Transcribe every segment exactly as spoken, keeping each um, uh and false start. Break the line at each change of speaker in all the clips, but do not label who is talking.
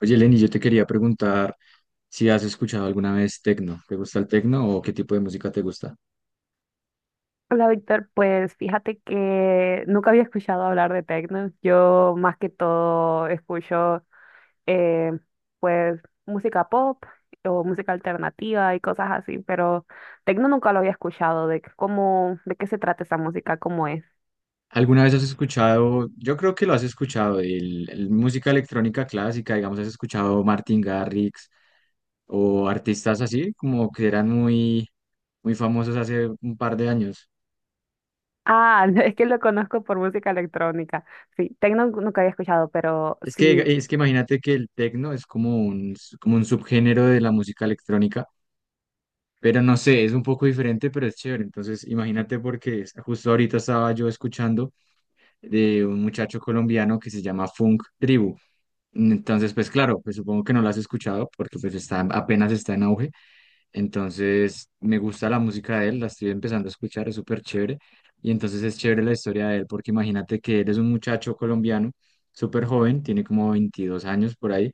Oye, Lenny, yo te quería preguntar si has escuchado alguna vez tecno. ¿Te gusta el tecno o qué tipo de música te gusta?
Hola Víctor, pues fíjate que nunca había escuchado hablar de techno. Yo más que todo escucho eh, pues música pop o música alternativa y cosas así, pero techno nunca lo había escuchado. ¿De qué- ¿cómo, de qué se trata esa música? ¿Cómo es?
¿Alguna vez has escuchado, yo creo que lo has escuchado, el, el música electrónica clásica, digamos, has escuchado Martin Garrix o artistas así, como que eran muy, muy famosos hace un par de años?
Ah, es que lo conozco por música electrónica. Sí, techno nunca había escuchado, pero
Es que,
sí.
es que imagínate que el tecno es como un, como un subgénero de la música electrónica, pero no sé, es un poco diferente, pero es chévere. Entonces, imagínate porque es- justo ahorita estaba yo escuchando de un muchacho colombiano que se llama Funk Tribu. Entonces, pues claro, pues supongo que no lo has escuchado porque pues está, apenas está en auge. Entonces, me gusta la música de él, la estoy empezando a escuchar, es súper chévere. Y entonces es chévere la historia de él porque imagínate que él es un muchacho colombiano, súper joven, tiene como veintidós años por ahí.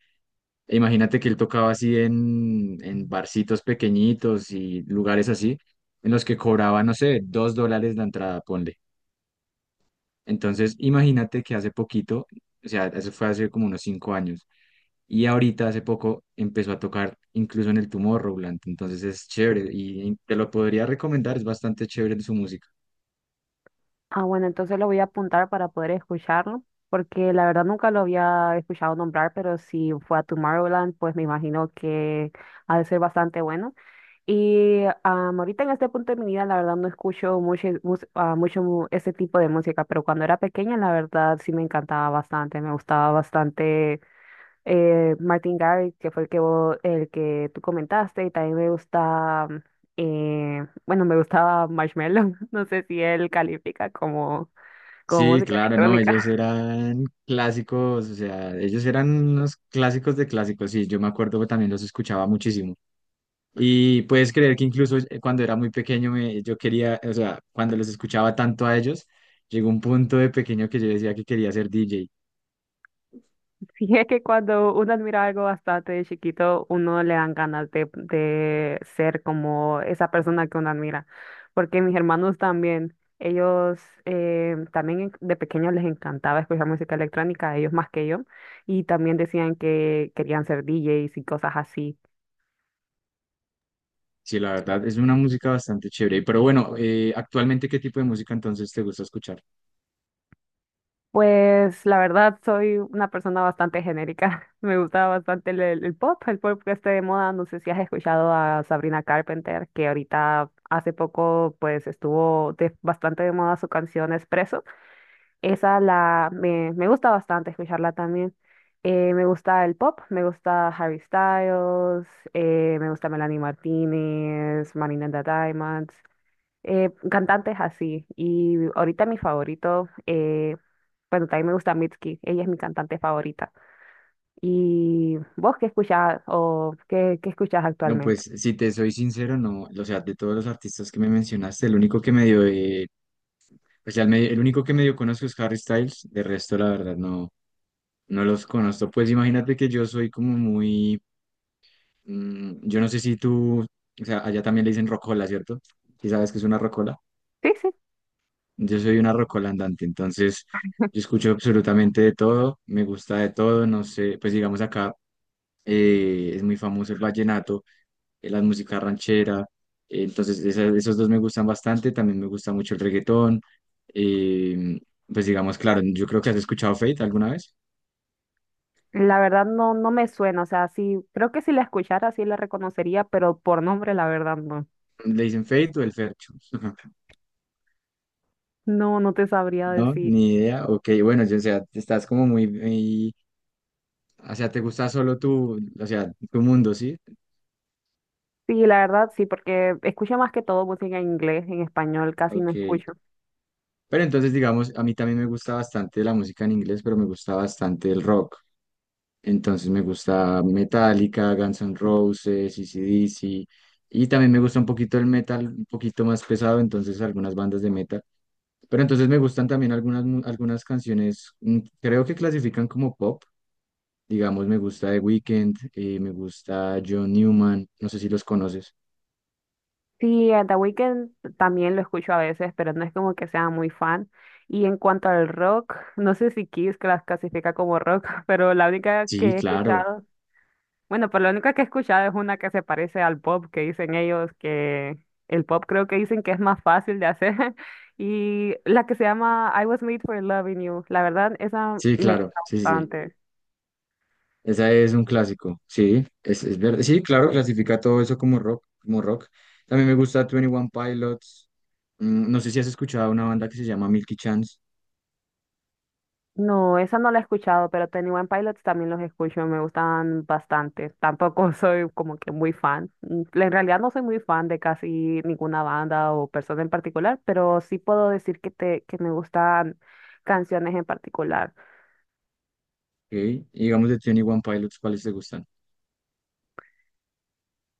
E imagínate que él tocaba así en, en barcitos pequeñitos y lugares así, en los que cobraba, no sé, dos dólares la entrada, ponle. Entonces, imagínate que hace poquito, o sea, eso fue hace como unos cinco años, y ahorita hace poco empezó a tocar incluso en el Tomorrowland, entonces es chévere y te lo podría recomendar, es bastante chévere su música.
Ah, bueno, entonces lo voy a apuntar para poder escucharlo, porque la verdad nunca lo había escuchado nombrar, pero si fue a Tomorrowland, pues me imagino que ha de ser bastante bueno. Y am, ahorita en este punto de mi vida, la verdad no escucho mucho, mus- ah, mucho mu- ese tipo de música, pero cuando era pequeña, la verdad sí me encantaba bastante, me gustaba bastante eh, Martin Garrix, que fue el que, vo- el que tú comentaste, y también me gusta... Eh, bueno, me gustaba Marshmello, no sé si él califica como con
Sí,
música
claro, no,
electrónica.
ellos eran clásicos, o sea, ellos eran unos clásicos de clásicos, sí, yo me acuerdo que también los escuchaba muchísimo. Y puedes creer que incluso eh, cuando era muy pequeño, me, yo quería, o sea, cuando los escuchaba tanto a ellos, llegó un punto de pequeño que yo decía que quería ser D J.
Sí, es que cuando uno admira algo bastante de chiquito, uno le dan ganas de, de ser como esa persona que uno admira. Porque mis hermanos también, ellos eh, también en- de pequeños les encantaba escuchar música electrónica, ellos más que yo, y también decían que querían ser D Js y cosas así.
Sí, la verdad, es una música bastante chévere. Pero bueno, eh, actualmente, ¿qué tipo de música entonces te gusta escuchar?
Pues la verdad soy una persona bastante genérica. Me gusta bastante el, el- el pop, el pop que esté de moda. No sé si has escuchado a Sabrina Carpenter, que ahorita hace poco pues estuvo de- bastante de moda su canción Espresso. Esa la me, me gusta bastante escucharla también. Eh, me gusta el pop, me gusta Harry Styles, eh, me gusta Melanie Martínez, Marina and the Diamonds, eh, cantantes así. Y ahorita mi favorito, eh, bueno, también me gusta Mitski, ella es mi cantante favorita. ¿Y vos qué escuchás o qué, qué escuchás
No,
actualmente?
pues si te soy sincero, no, o sea, de todos los artistas que me mencionaste, el único que medio, eh, o sea, el, me- el único que medio conozco es Harry Styles, de resto, la verdad, no, no los conozco. Pues imagínate que yo soy como muy, mm, yo no sé si tú, o sea, allá también le dicen rocola, ¿cierto? Si sabes que es una rocola.
Sí, sí,
Yo soy una rocola andante, entonces yo escucho absolutamente de todo, me gusta de todo, no sé, pues digamos acá. Eh, es muy famoso el vallenato, eh, la música ranchera, eh, entonces esa- esos dos me gustan bastante, también me gusta mucho el reggaetón, eh, pues digamos, claro, yo creo que has escuchado Fate alguna vez,
la verdad no, no me suena, o sea, sí, creo que si la escuchara sí la reconocería, pero por nombre la verdad no.
le dicen Fate o el Fercho,
No, no te sabría
no,
decir.
ni idea, ok, bueno, yo, o sea, estás como muy, muy- o sea, te gusta solo tu, o sea, tu mundo, ¿sí?
Sí, la verdad sí, porque escucho más que todo música en inglés, en español casi no
Ok,
escucho.
pero entonces digamos, a mí también me gusta bastante la música en inglés, pero me gusta bastante el rock. Entonces me gusta Metallica, Guns N' Roses, A C/D C ac y también me gusta un poquito el metal, un poquito más pesado, entonces algunas bandas de metal. Pero entonces me gustan también algunas, mu- algunas canciones, mm, creo que clasifican como pop. Digamos, me gusta The Weeknd, eh, me gusta John Newman, no sé si los conoces.
Sí, a The Weeknd también lo escucho a veces, pero no es como que sea muy fan. Y en cuanto al rock, no sé si Kiss las clasifica como rock, pero la única
Sí,
que he
claro,
escuchado, bueno, pero la única que he escuchado es una que se parece al pop, que dicen ellos que el pop creo que dicen que es más fácil de hacer. Y la que se llama I Was Made for Loving You, la verdad, esa
sí,
me
claro,
gusta
sí, sí. Sí.
bastante.
Esa es un clásico, sí, es, es verdad. Sí, claro, clasifica todo eso como rock, como rock. También me gusta Twenty One Pilots. Mm, No sé si has escuchado una banda que se llama Milky Chance,
No, esa no la he escuchado, pero Twenty One Pilots también los escucho, me gustan bastante. Tampoco soy como que muy fan. Mm, En realidad no soy muy fan de casi ninguna banda o persona en particular, pero sí puedo decir que, te, que me gustan canciones en particular.
¿ok? Y digamos de Twenty One Pilots, ¿cuáles te gustan?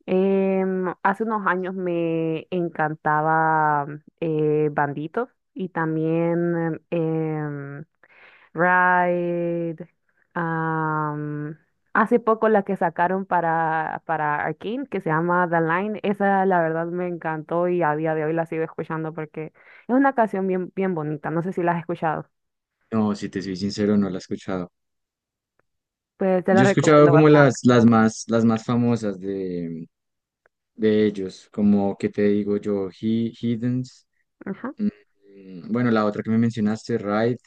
Em, hace unos años me encantaba eh, Bandito y también em, Ride. Am, hace poco la que sacaron para, para Arcane, que se llama The Line, esa la verdad me encantó y a día de hoy la sigo escuchando porque es una canción bien, bien bonita. No sé si la has escuchado.
No, si te soy sincero, no la he escuchado.
Pues te la
Yo he escuchado
recomiendo
como
bastante.
las, las más, las más famosas de, de ellos, como que te digo yo, He, Heathens,
Ajá.
mm, mm, bueno, la otra que me mencionaste, Ride,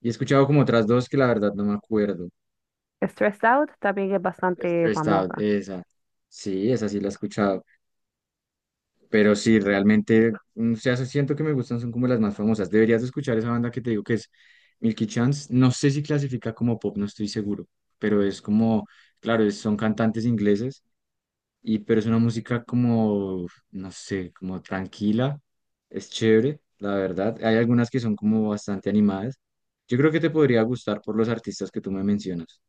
y he escuchado como otras dos que la verdad no me acuerdo.
Stressed Out también es bastante
Stressed Out,
famosa.
esa. Sí, esa sí la he escuchado. Pero sí, realmente, mm, o sea, siento que me gustan, son como las más famosas. Deberías de escuchar esa banda que te digo que es Milky Chance. No sé si clasifica como pop, no estoy seguro. Pero es como, claro, es- son cantantes ingleses, y, pero es una música como, no sé, como tranquila. Es chévere, la verdad. Hay algunas que son como bastante animadas. Yo creo que te podría gustar por los artistas que tú me mencionas.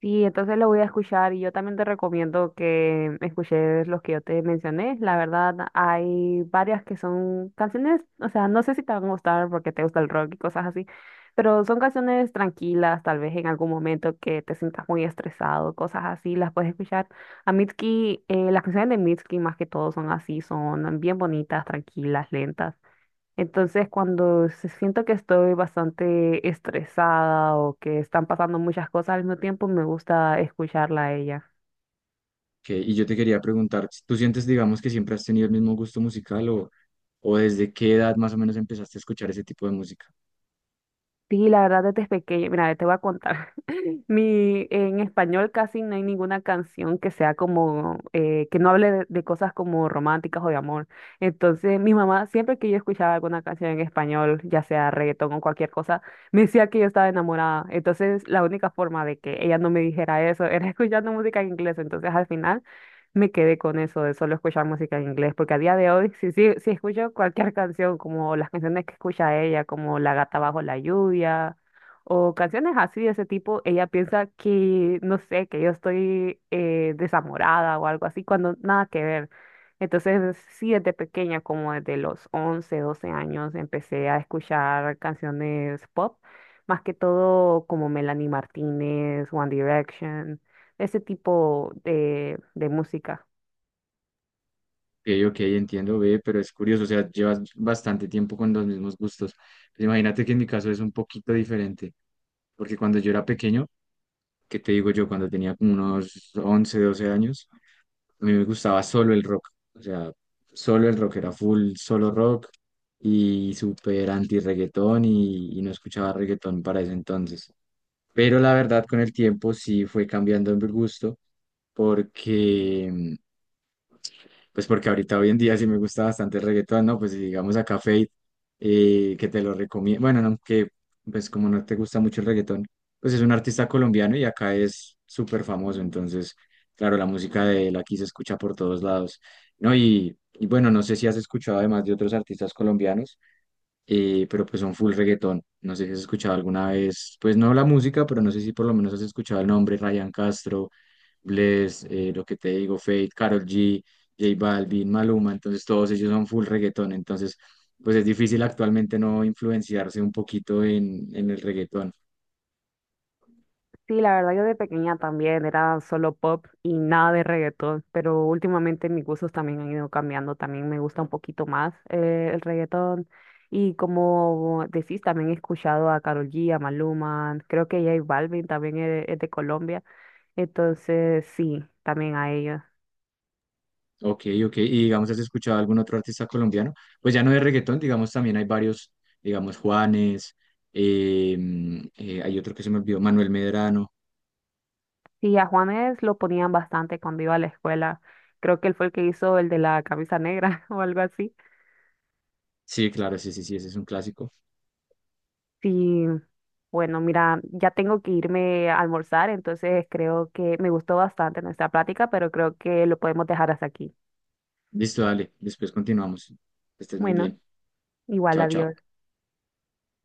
Sí, entonces lo voy a escuchar y yo también te recomiendo que escuches los que yo te mencioné. La verdad, hay varias que son canciones, o sea, no sé si te van a gustar porque te gusta el rock y cosas así, pero son canciones tranquilas, tal vez en algún momento que te sientas muy estresado, cosas así, las puedes escuchar. A Mitski, eh, las canciones de Mitski más que todo son así, son bien bonitas, tranquilas, lentas. Entonces, cuando se- siento que estoy bastante estresada o que están pasando muchas cosas al mismo tiempo, me gusta escucharla a ella.
Que, y yo te quería preguntar, ¿tú sientes, digamos, que siempre has tenido el mismo gusto musical o, o desde qué edad más o menos empezaste a escuchar ese tipo de música?
Sí, la verdad desde pequeña, mira, te voy a contar. Mi, en español casi no hay ninguna canción que sea como, eh, que no hable de, de cosas como románticas o de amor. Entonces, mi mamá, siempre que yo escuchaba alguna canción en español, ya sea reggaetón o cualquier cosa, me decía que yo estaba enamorada. Entonces, la única forma de que ella no me dijera eso era escuchando música en inglés. Entonces, al final me quedé con eso de solo escuchar música en inglés, porque a día de hoy, si, si, si escucho cualquier canción, como las canciones que escucha ella, como La gata bajo la lluvia, o canciones así de ese tipo, ella piensa que, no sé, que yo estoy eh, desamorada o algo así, cuando nada que ver. Entonces, sí, desde pequeña, como desde los once doce años, empecé a escuchar canciones pop, más que todo como Melanie Martínez, One Direction, ese tipo de, de música.
Ok, ok, entiendo, ve, pero es curioso, o sea, llevas bastante tiempo con los mismos gustos. Pues imagínate que en mi caso es un poquito diferente, porque cuando yo era pequeño, ¿qué te digo yo? Cuando tenía como unos once, doce años, a mí me gustaba solo el rock, o sea, solo el rock era full, solo rock y súper anti-reggaetón y, y no escuchaba reggaetón para ese entonces. Pero la verdad, con el tiempo sí fue cambiando en mi gusto porque pues porque ahorita hoy en día sí me gusta bastante el reggaetón, ¿no? Pues si digamos acá Fate, eh, que te lo recomiendo. Bueno, no, que pues como no te gusta mucho el reggaetón, pues es un artista colombiano y acá es súper famoso. Entonces, claro, la música de él aquí se escucha por todos lados, ¿no? Y, y bueno, no sé si has escuchado además de otros artistas colombianos, eh, pero pues son full reggaetón. No sé si has escuchado alguna vez, pues no la música, pero no sé si por lo menos has escuchado el nombre Ryan Castro Bless, eh, lo que te digo, Fate, Karol G, J Balvin, Maluma, entonces todos ellos son full reggaetón, entonces pues es difícil actualmente no influenciarse un poquito en, en el reggaetón.
Sí, la verdad yo de pequeña también era solo pop y nada de reggaetón, pero últimamente mis gustos también han ido cambiando, también me gusta un poquito más eh, el reggaetón y como decís, también he escuchado a Karol G, a Maluma, creo que J Balvin también es, es de Colombia, entonces sí, también a ellos.
Ok, ok, y digamos, ¿has escuchado algún otro artista colombiano? Pues ya no de reggaetón, digamos, también hay varios, digamos, Juanes, eh, eh, hay otro que se me olvidó, Manuel Medrano.
Sí, a Juanes lo ponían bastante cuando iba a la escuela, creo que él fue el que hizo el de la camisa negra o algo así.
Sí, claro, sí, sí, sí, ese es un clásico.
Sí, bueno, mira, ya tengo que irme a almorzar, entonces creo que me gustó bastante nuestra plática, pero creo que lo podemos dejar hasta aquí.
Listo, dale, después continuamos. Estés muy
Bueno,
bien.
igual,
Chao,
adiós.
chao.